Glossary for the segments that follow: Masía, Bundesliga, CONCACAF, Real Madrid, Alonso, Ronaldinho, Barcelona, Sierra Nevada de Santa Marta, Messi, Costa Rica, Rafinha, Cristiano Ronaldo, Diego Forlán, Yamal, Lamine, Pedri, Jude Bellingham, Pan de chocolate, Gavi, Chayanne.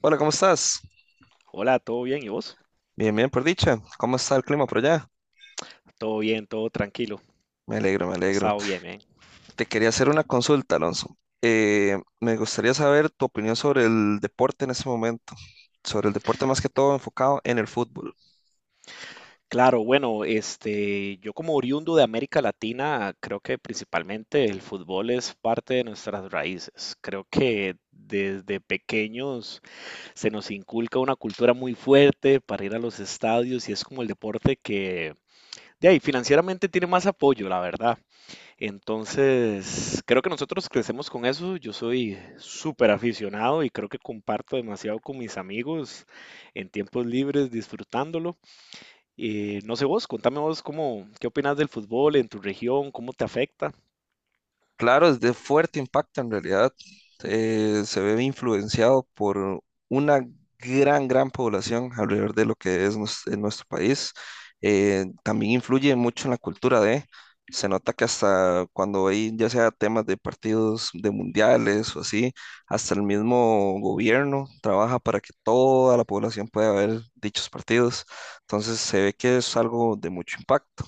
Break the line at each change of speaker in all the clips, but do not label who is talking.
Hola, ¿cómo estás?
Hola, ¿todo bien? ¿Y vos?
Bien, bien, por dicha. ¿Cómo está el clima por allá?
Todo bien, todo tranquilo.
Me alegro, me
Ha
alegro.
estado bien, bien.
Te quería hacer una consulta, Alonso. Me gustaría saber tu opinión sobre el deporte en este momento, sobre el deporte más que todo enfocado en el fútbol.
Claro, bueno, yo como oriundo de América Latina, creo que principalmente el fútbol es parte de nuestras raíces. Creo que desde pequeños se nos inculca una cultura muy fuerte para ir a los estadios y es como el deporte que, de ahí, financieramente tiene más apoyo, la verdad. Entonces, creo que nosotros crecemos con eso. Yo soy súper aficionado y creo que comparto demasiado con mis amigos en tiempos libres disfrutándolo. No sé vos, contame vos qué opinas del fútbol en tu región, cómo te afecta.
Claro, es de fuerte impacto en realidad. Se ve influenciado por una gran población alrededor de lo que es en nuestro país. También influye mucho en la cultura de, se nota que hasta cuando hay ya sea temas de partidos de mundiales o así, hasta el mismo gobierno trabaja para que toda la población pueda ver dichos partidos. Entonces se ve que es algo de mucho impacto.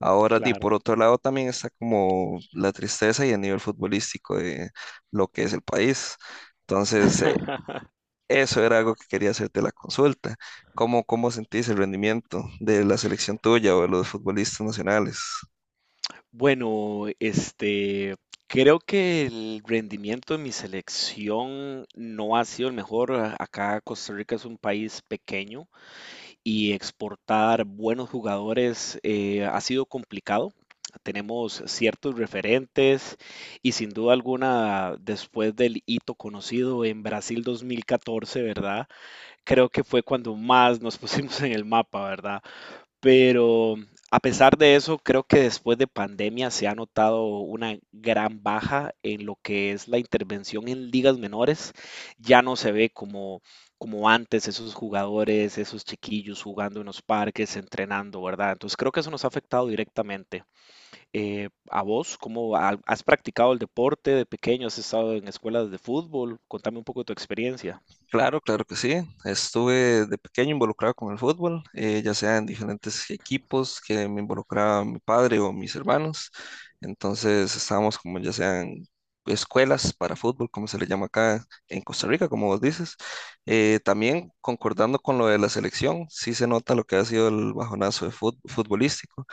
Ahora, di,
Claro.
por otro lado, también está como la tristeza y el nivel futbolístico de lo que es el país. Entonces, eso era algo que quería hacerte la consulta. ¿Cómo, cómo sentís el rendimiento de la selección tuya o de los futbolistas nacionales?
Bueno, creo que el rendimiento de mi selección no ha sido el mejor. Acá Costa Rica es un país pequeño y exportar buenos jugadores ha sido complicado. Tenemos ciertos referentes y sin duda alguna, después del hito conocido en Brasil 2014, ¿verdad? Creo que fue cuando más nos pusimos en el mapa, ¿verdad? Pero a pesar de eso, creo que después de pandemia se ha notado una gran baja en lo que es la intervención en ligas menores. Ya no se ve como, como antes esos jugadores, esos chiquillos jugando en los parques, entrenando, ¿verdad? Entonces creo que eso nos ha afectado directamente. ¿A vos, cómo has practicado el deporte de pequeño? ¿Has estado en escuelas de fútbol? Contame un poco de tu experiencia.
Claro, claro que sí. Estuve de pequeño involucrado con el fútbol, ya sea en diferentes equipos que me involucraba mi padre o mis hermanos. Entonces estábamos como ya sean escuelas para fútbol, como se le llama acá en Costa Rica, como vos dices. También concordando con lo de la selección, sí se nota lo que ha sido el bajonazo de futbolístico.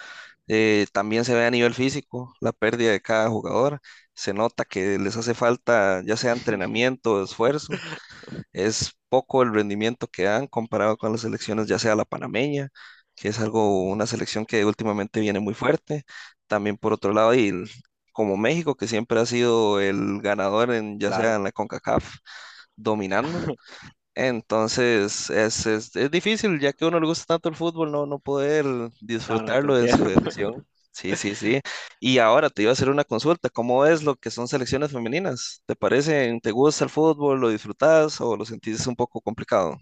También se ve a nivel físico la pérdida de cada jugador. Se nota que les hace falta ya sea entrenamiento, esfuerzo, es poco el rendimiento que dan comparado con las selecciones, ya sea la panameña, que es algo, una selección que últimamente viene muy fuerte. También por otro lado, como México, que siempre ha sido el ganador en, ya sea
Claro.
en la CONCACAF, dominando. Entonces es difícil, ya que a uno le gusta tanto el fútbol, no, no poder
No, no, te
disfrutarlo en su
entiendo.
elección. Sí, sí, sí. Y ahora te iba a hacer una consulta. ¿Cómo es lo que son selecciones femeninas? ¿Te parecen, te gusta el fútbol, lo disfrutas o lo sentís un poco complicado?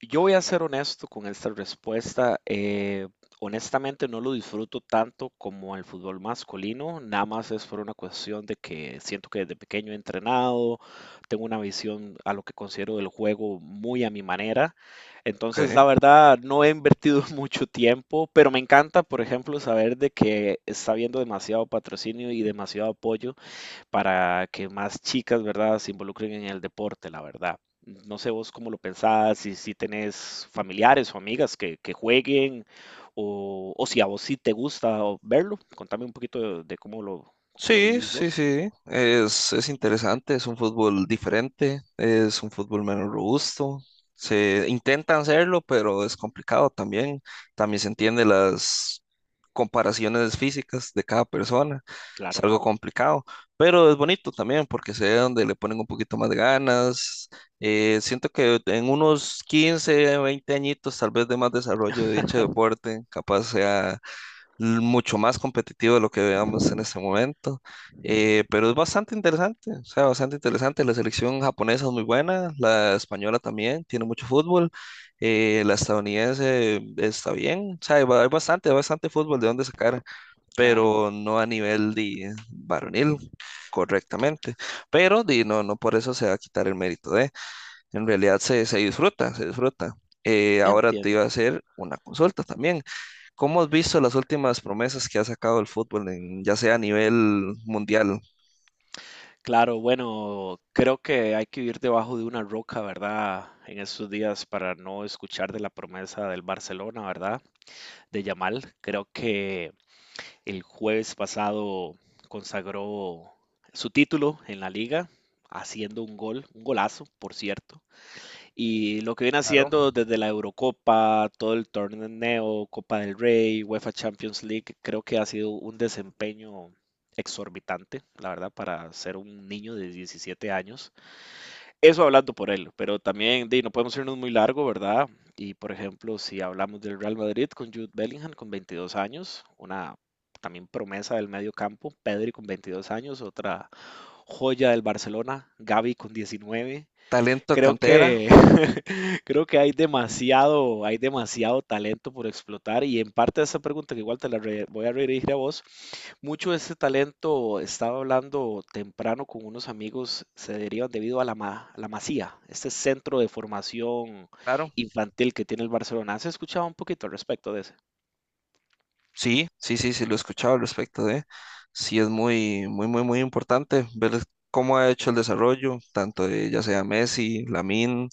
Yo voy a ser honesto con esta respuesta. Honestamente no lo disfruto tanto como el fútbol masculino. Nada más es por una cuestión de que siento que desde pequeño he entrenado, tengo una visión a lo que considero del juego muy a mi manera. Entonces,
Ok.
la verdad, no he invertido mucho tiempo, pero me encanta, por ejemplo, saber de que está habiendo demasiado patrocinio y demasiado apoyo para que más chicas, ¿verdad?, se involucren en el deporte, la verdad. No sé vos cómo lo pensás, si tenés familiares o amigas que jueguen, o si a vos sí te gusta verlo. Contame un poquito de cómo lo
Sí,
vivís
sí,
vos.
sí, es interesante, es un fútbol diferente, es un fútbol menos robusto. Se intentan hacerlo, pero es complicado también. También se entiende las comparaciones físicas de cada persona. Es
Claro,
algo complicado, pero es bonito también porque se ve donde le ponen un poquito más de ganas. Siento que en unos 15, 20 añitos, tal vez de más desarrollo de dicho deporte, capaz sea mucho más competitivo de lo que veamos en este momento, pero es bastante interesante, o sea, bastante interesante. La selección japonesa es muy buena, la española también, tiene mucho fútbol, la estadounidense está bien, o sea, hay, hay bastante fútbol de dónde sacar,
claro.
pero no a nivel de varonil correctamente, pero di, no, no por eso se va a quitar el mérito de, en realidad se, se disfruta, se disfruta. Ahora te
Entiendo.
iba a hacer una consulta también. ¿Cómo has visto las últimas promesas que ha sacado el fútbol, ya sea a nivel mundial?
Claro, bueno, creo que hay que vivir debajo de una roca, ¿verdad? En estos días para no escuchar de la promesa del Barcelona, ¿verdad? De Yamal. Creo que el jueves pasado consagró su título en la liga, haciendo un gol, un golazo, por cierto. Y lo que viene
Claro.
haciendo desde la Eurocopa, todo el torneo, Copa del Rey, UEFA Champions League, creo que ha sido un desempeño exorbitante, la verdad, para ser un niño de 17 años. Eso hablando por él, pero también di, no podemos irnos muy largo, ¿verdad? Y por ejemplo, si hablamos del Real Madrid con Jude Bellingham con 22 años, una también promesa del medio campo, Pedri con 22 años, otra joya del Barcelona, Gavi con 19,
Talento
creo
cantera,
que, creo que hay demasiado talento por explotar y en parte de esa pregunta que igual te la voy a redirigir a vos, mucho de ese talento, estaba hablando temprano con unos amigos, se derivan debido a la, a la Masía, este centro de formación
claro.
infantil que tiene el Barcelona. ¿Has escuchado un poquito al respecto de ese?
Sí, sí, sí, sí, lo he escuchado al respecto de. Sí, es muy importante ver cómo ha hecho el desarrollo, tanto de ya sea Messi, Lamine,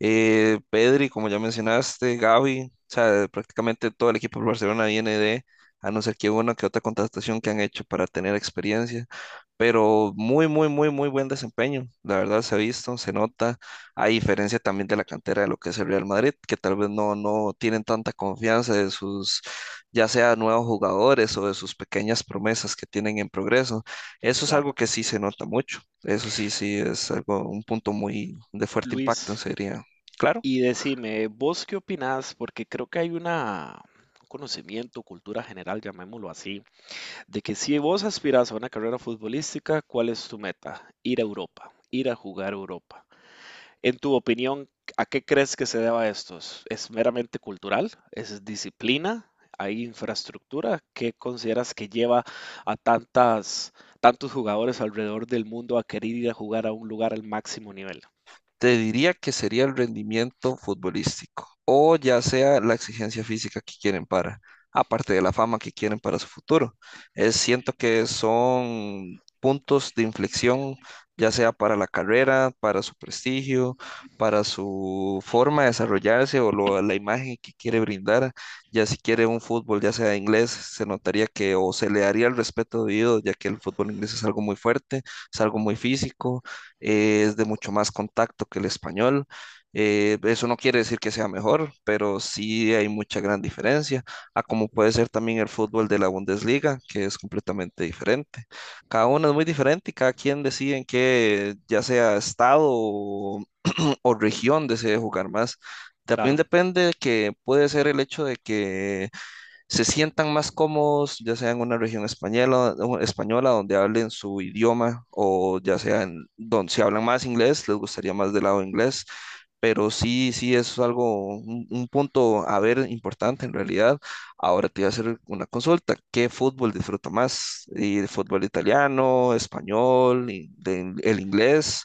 Pedri, como ya mencionaste, Gavi. O sea, prácticamente todo el equipo del Barcelona viene de, a no ser que una que otra contratación que han hecho para tener experiencia, pero muy buen desempeño. La verdad se ha visto, se nota, a diferencia también de la cantera de lo que es el Real Madrid, que tal vez no, no tienen tanta confianza de sus, ya sea nuevos jugadores o de sus pequeñas promesas que tienen en progreso. Eso es algo
Claro.
que sí se nota mucho. Eso sí, sí es algo, un punto muy de fuerte impacto,
Luis,
sería. Claro.
y decime, ¿vos qué opinás? Porque creo que hay una, un conocimiento, cultura general, llamémoslo así. De que si vos aspirás a una carrera futbolística, ¿cuál es tu meta? Ir a Europa, ir a jugar a Europa. En tu opinión, ¿a qué crees que se deba esto? ¿Es meramente cultural? ¿Es disciplina? ¿Hay infraestructura? ¿Qué consideras que lleva a tantas, tantos jugadores alrededor del mundo a querer ir a jugar a un lugar al máximo nivel?
Te diría que sería el rendimiento futbolístico o ya sea la exigencia física que quieren para, aparte de la fama que quieren para su futuro. Es, siento que son puntos de inflexión, ya sea para la carrera, para su prestigio, para su forma de desarrollarse o la imagen que quiere brindar. Ya si quiere un fútbol, ya sea inglés, se notaría que o se le daría el respeto debido, ya que el fútbol inglés es algo muy fuerte, es algo muy físico, es de mucho más contacto que el español. Eso no quiere decir que sea mejor, pero sí hay mucha gran diferencia a como puede ser también el fútbol de la Bundesliga, que es completamente diferente. Cada uno es muy diferente y cada quien decide en qué, ya sea estado o región, desee jugar más. También
Claro,
depende que puede ser el hecho de que se sientan más cómodos, ya sea en una región española, española donde hablen su idioma o ya sea en donde se hablan más inglés, les gustaría más del lado inglés, pero sí, sí es algo, un punto a ver importante en realidad. Ahora te voy a hacer una consulta, ¿qué fútbol disfruta más? ¿El fútbol italiano, español, el inglés,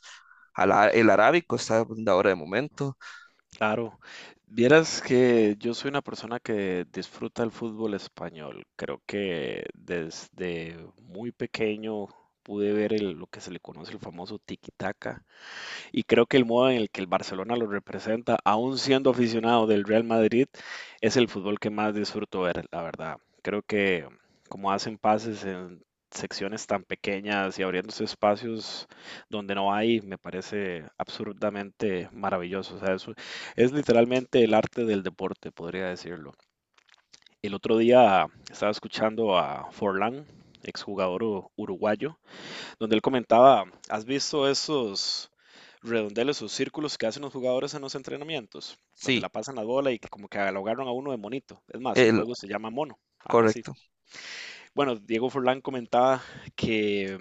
El arábico está de ahora de momento?
claro, vieras que yo soy una persona que disfruta el fútbol español. Creo que desde muy pequeño pude ver lo que se le conoce el famoso tiki y creo que el modo en el que el Barcelona lo representa, aún siendo aficionado del Real Madrid, es el fútbol que más disfruto ver, la verdad. Creo que como hacen pases en secciones tan pequeñas y abriéndose espacios donde no hay, me parece absurdamente maravilloso. O sea, es literalmente el arte del deporte, podría decirlo. El otro día estaba escuchando a Forlán, exjugador uruguayo, donde él comentaba, ¿has visto esos redondeles, esos círculos que hacen los jugadores en los entrenamientos? Donde
Sí,
la pasan la bola y que como que lo agarran a uno de monito. Es más, el
el,
juego se llama mono, algo así.
correcto.
Bueno, Diego Forlán comentaba que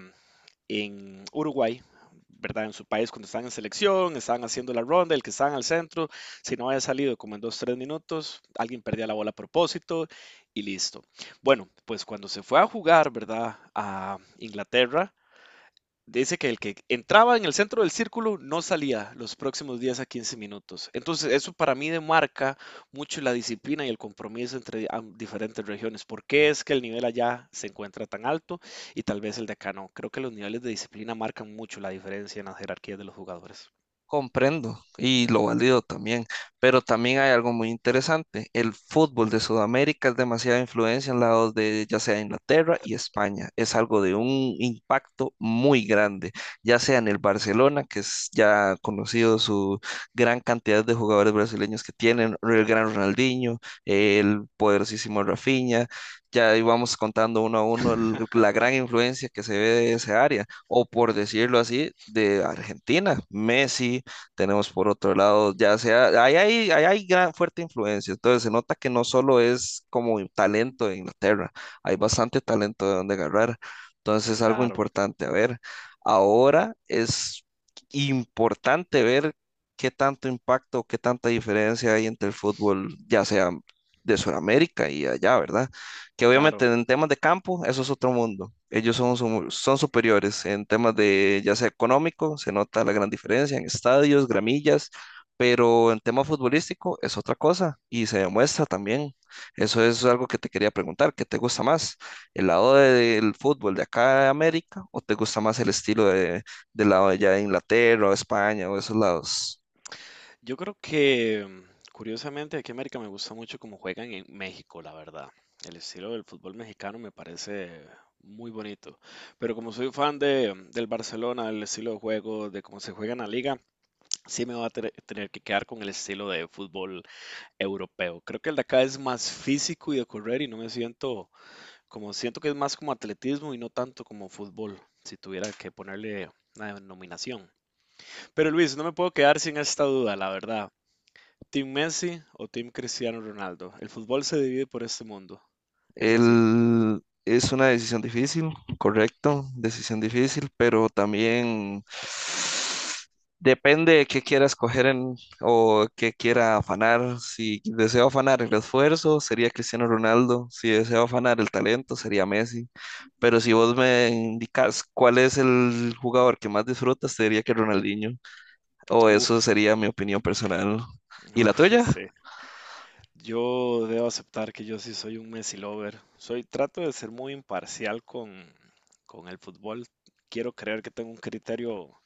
en Uruguay, ¿verdad? En su país, cuando estaban en selección, estaban haciendo la ronda, el que estaban al centro, si no había salido como en 2, 3 minutos, alguien perdía la bola a propósito y listo. Bueno, pues cuando se fue a jugar, ¿verdad? A Inglaterra, dice que el que entraba en el centro del círculo no salía los próximos 10 a 15 minutos. Entonces, eso para mí demarca mucho la disciplina y el compromiso entre diferentes regiones. ¿Por qué es que el nivel allá se encuentra tan alto y tal vez el de acá no? Creo que los niveles de disciplina marcan mucho la diferencia en las jerarquías de los jugadores.
Comprendo y lo valido también, pero también hay algo muy interesante. El fútbol de Sudamérica es demasiada influencia en lados de ya sea Inglaterra y España. Es algo de un impacto muy grande, ya sea en el Barcelona, que es ya conocido su gran cantidad de jugadores brasileños que tienen, el gran Ronaldinho, el poderosísimo Rafinha. Ya íbamos contando uno a uno la gran influencia que se ve de esa área o por decirlo así, de Argentina. Messi, tenemos por otro lado, ya sea, ahí hay gran fuerte influencia. Entonces se nota que no solo es como talento de Inglaterra, hay bastante talento de donde agarrar. Entonces es algo
Claro,
importante. A ver, ahora es importante ver qué tanto impacto, qué tanta diferencia hay entre el fútbol, ya sea de Sudamérica y allá, ¿verdad? Que
claro.
obviamente en temas de campo, eso es otro mundo. Ellos son, son superiores en temas de, ya sea económico, se nota la gran diferencia en estadios, gramillas, pero en tema futbolístico es otra cosa y se demuestra también. Eso es algo que te quería preguntar, ¿qué te gusta más? ¿El lado del fútbol de acá de América o te gusta más el estilo de, del lado de allá de Inglaterra o España o esos lados?
Yo creo que, curiosamente, aquí en América me gusta mucho cómo juegan en México, la verdad. El estilo del fútbol mexicano me parece muy bonito. Pero como soy fan de, del Barcelona, del estilo de juego, de cómo se juega en la liga, sí me va a tener que quedar con el estilo de fútbol europeo. Creo que el de acá es más físico y de correr y no me siento como, siento que es más como atletismo y no tanto como fútbol, si tuviera que ponerle una denominación. Pero Luis, no me puedo quedar sin esta duda, la verdad. Team Messi o Team Cristiano Ronaldo. El fútbol se divide por este mundo. Es así.
Es una decisión difícil, correcto, decisión difícil, pero también depende de qué quiera escoger en, o qué quiera afanar. Si deseo afanar el esfuerzo, sería Cristiano Ronaldo. Si deseo afanar el talento, sería Messi. Pero si vos me indicas cuál es el jugador que más disfrutas, te diría que Ronaldinho. O eso
Uf,
sería mi opinión personal. ¿Y la
uf,
tuya?
sí. Yo debo aceptar que yo sí soy un Messi lover. Soy, trato de ser muy imparcial con el fútbol. Quiero creer que tengo un criterio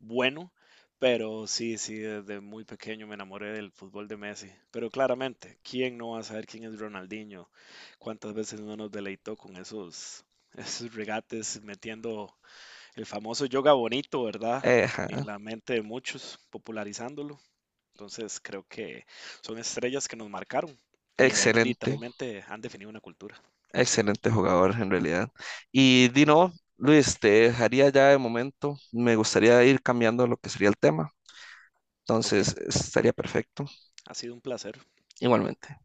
bueno, pero sí, sí, desde muy pequeño me enamoré del fútbol de Messi. Pero claramente, ¿quién no va a saber quién es Ronaldinho? ¿Cuántas veces no nos deleitó con esos, esos regates metiendo el famoso yoga bonito, ¿verdad? En
Ejá,
la mente de muchos, popularizándolo. Entonces creo que son estrellas que nos marcaron y
excelente.
literalmente han definido una cultura.
Excelente jugador en realidad. Y Dino, Luis, te dejaría ya de momento. Me gustaría ir cambiando lo que sería el tema.
Ok,
Entonces, estaría perfecto.
ha sido un placer.
Igualmente.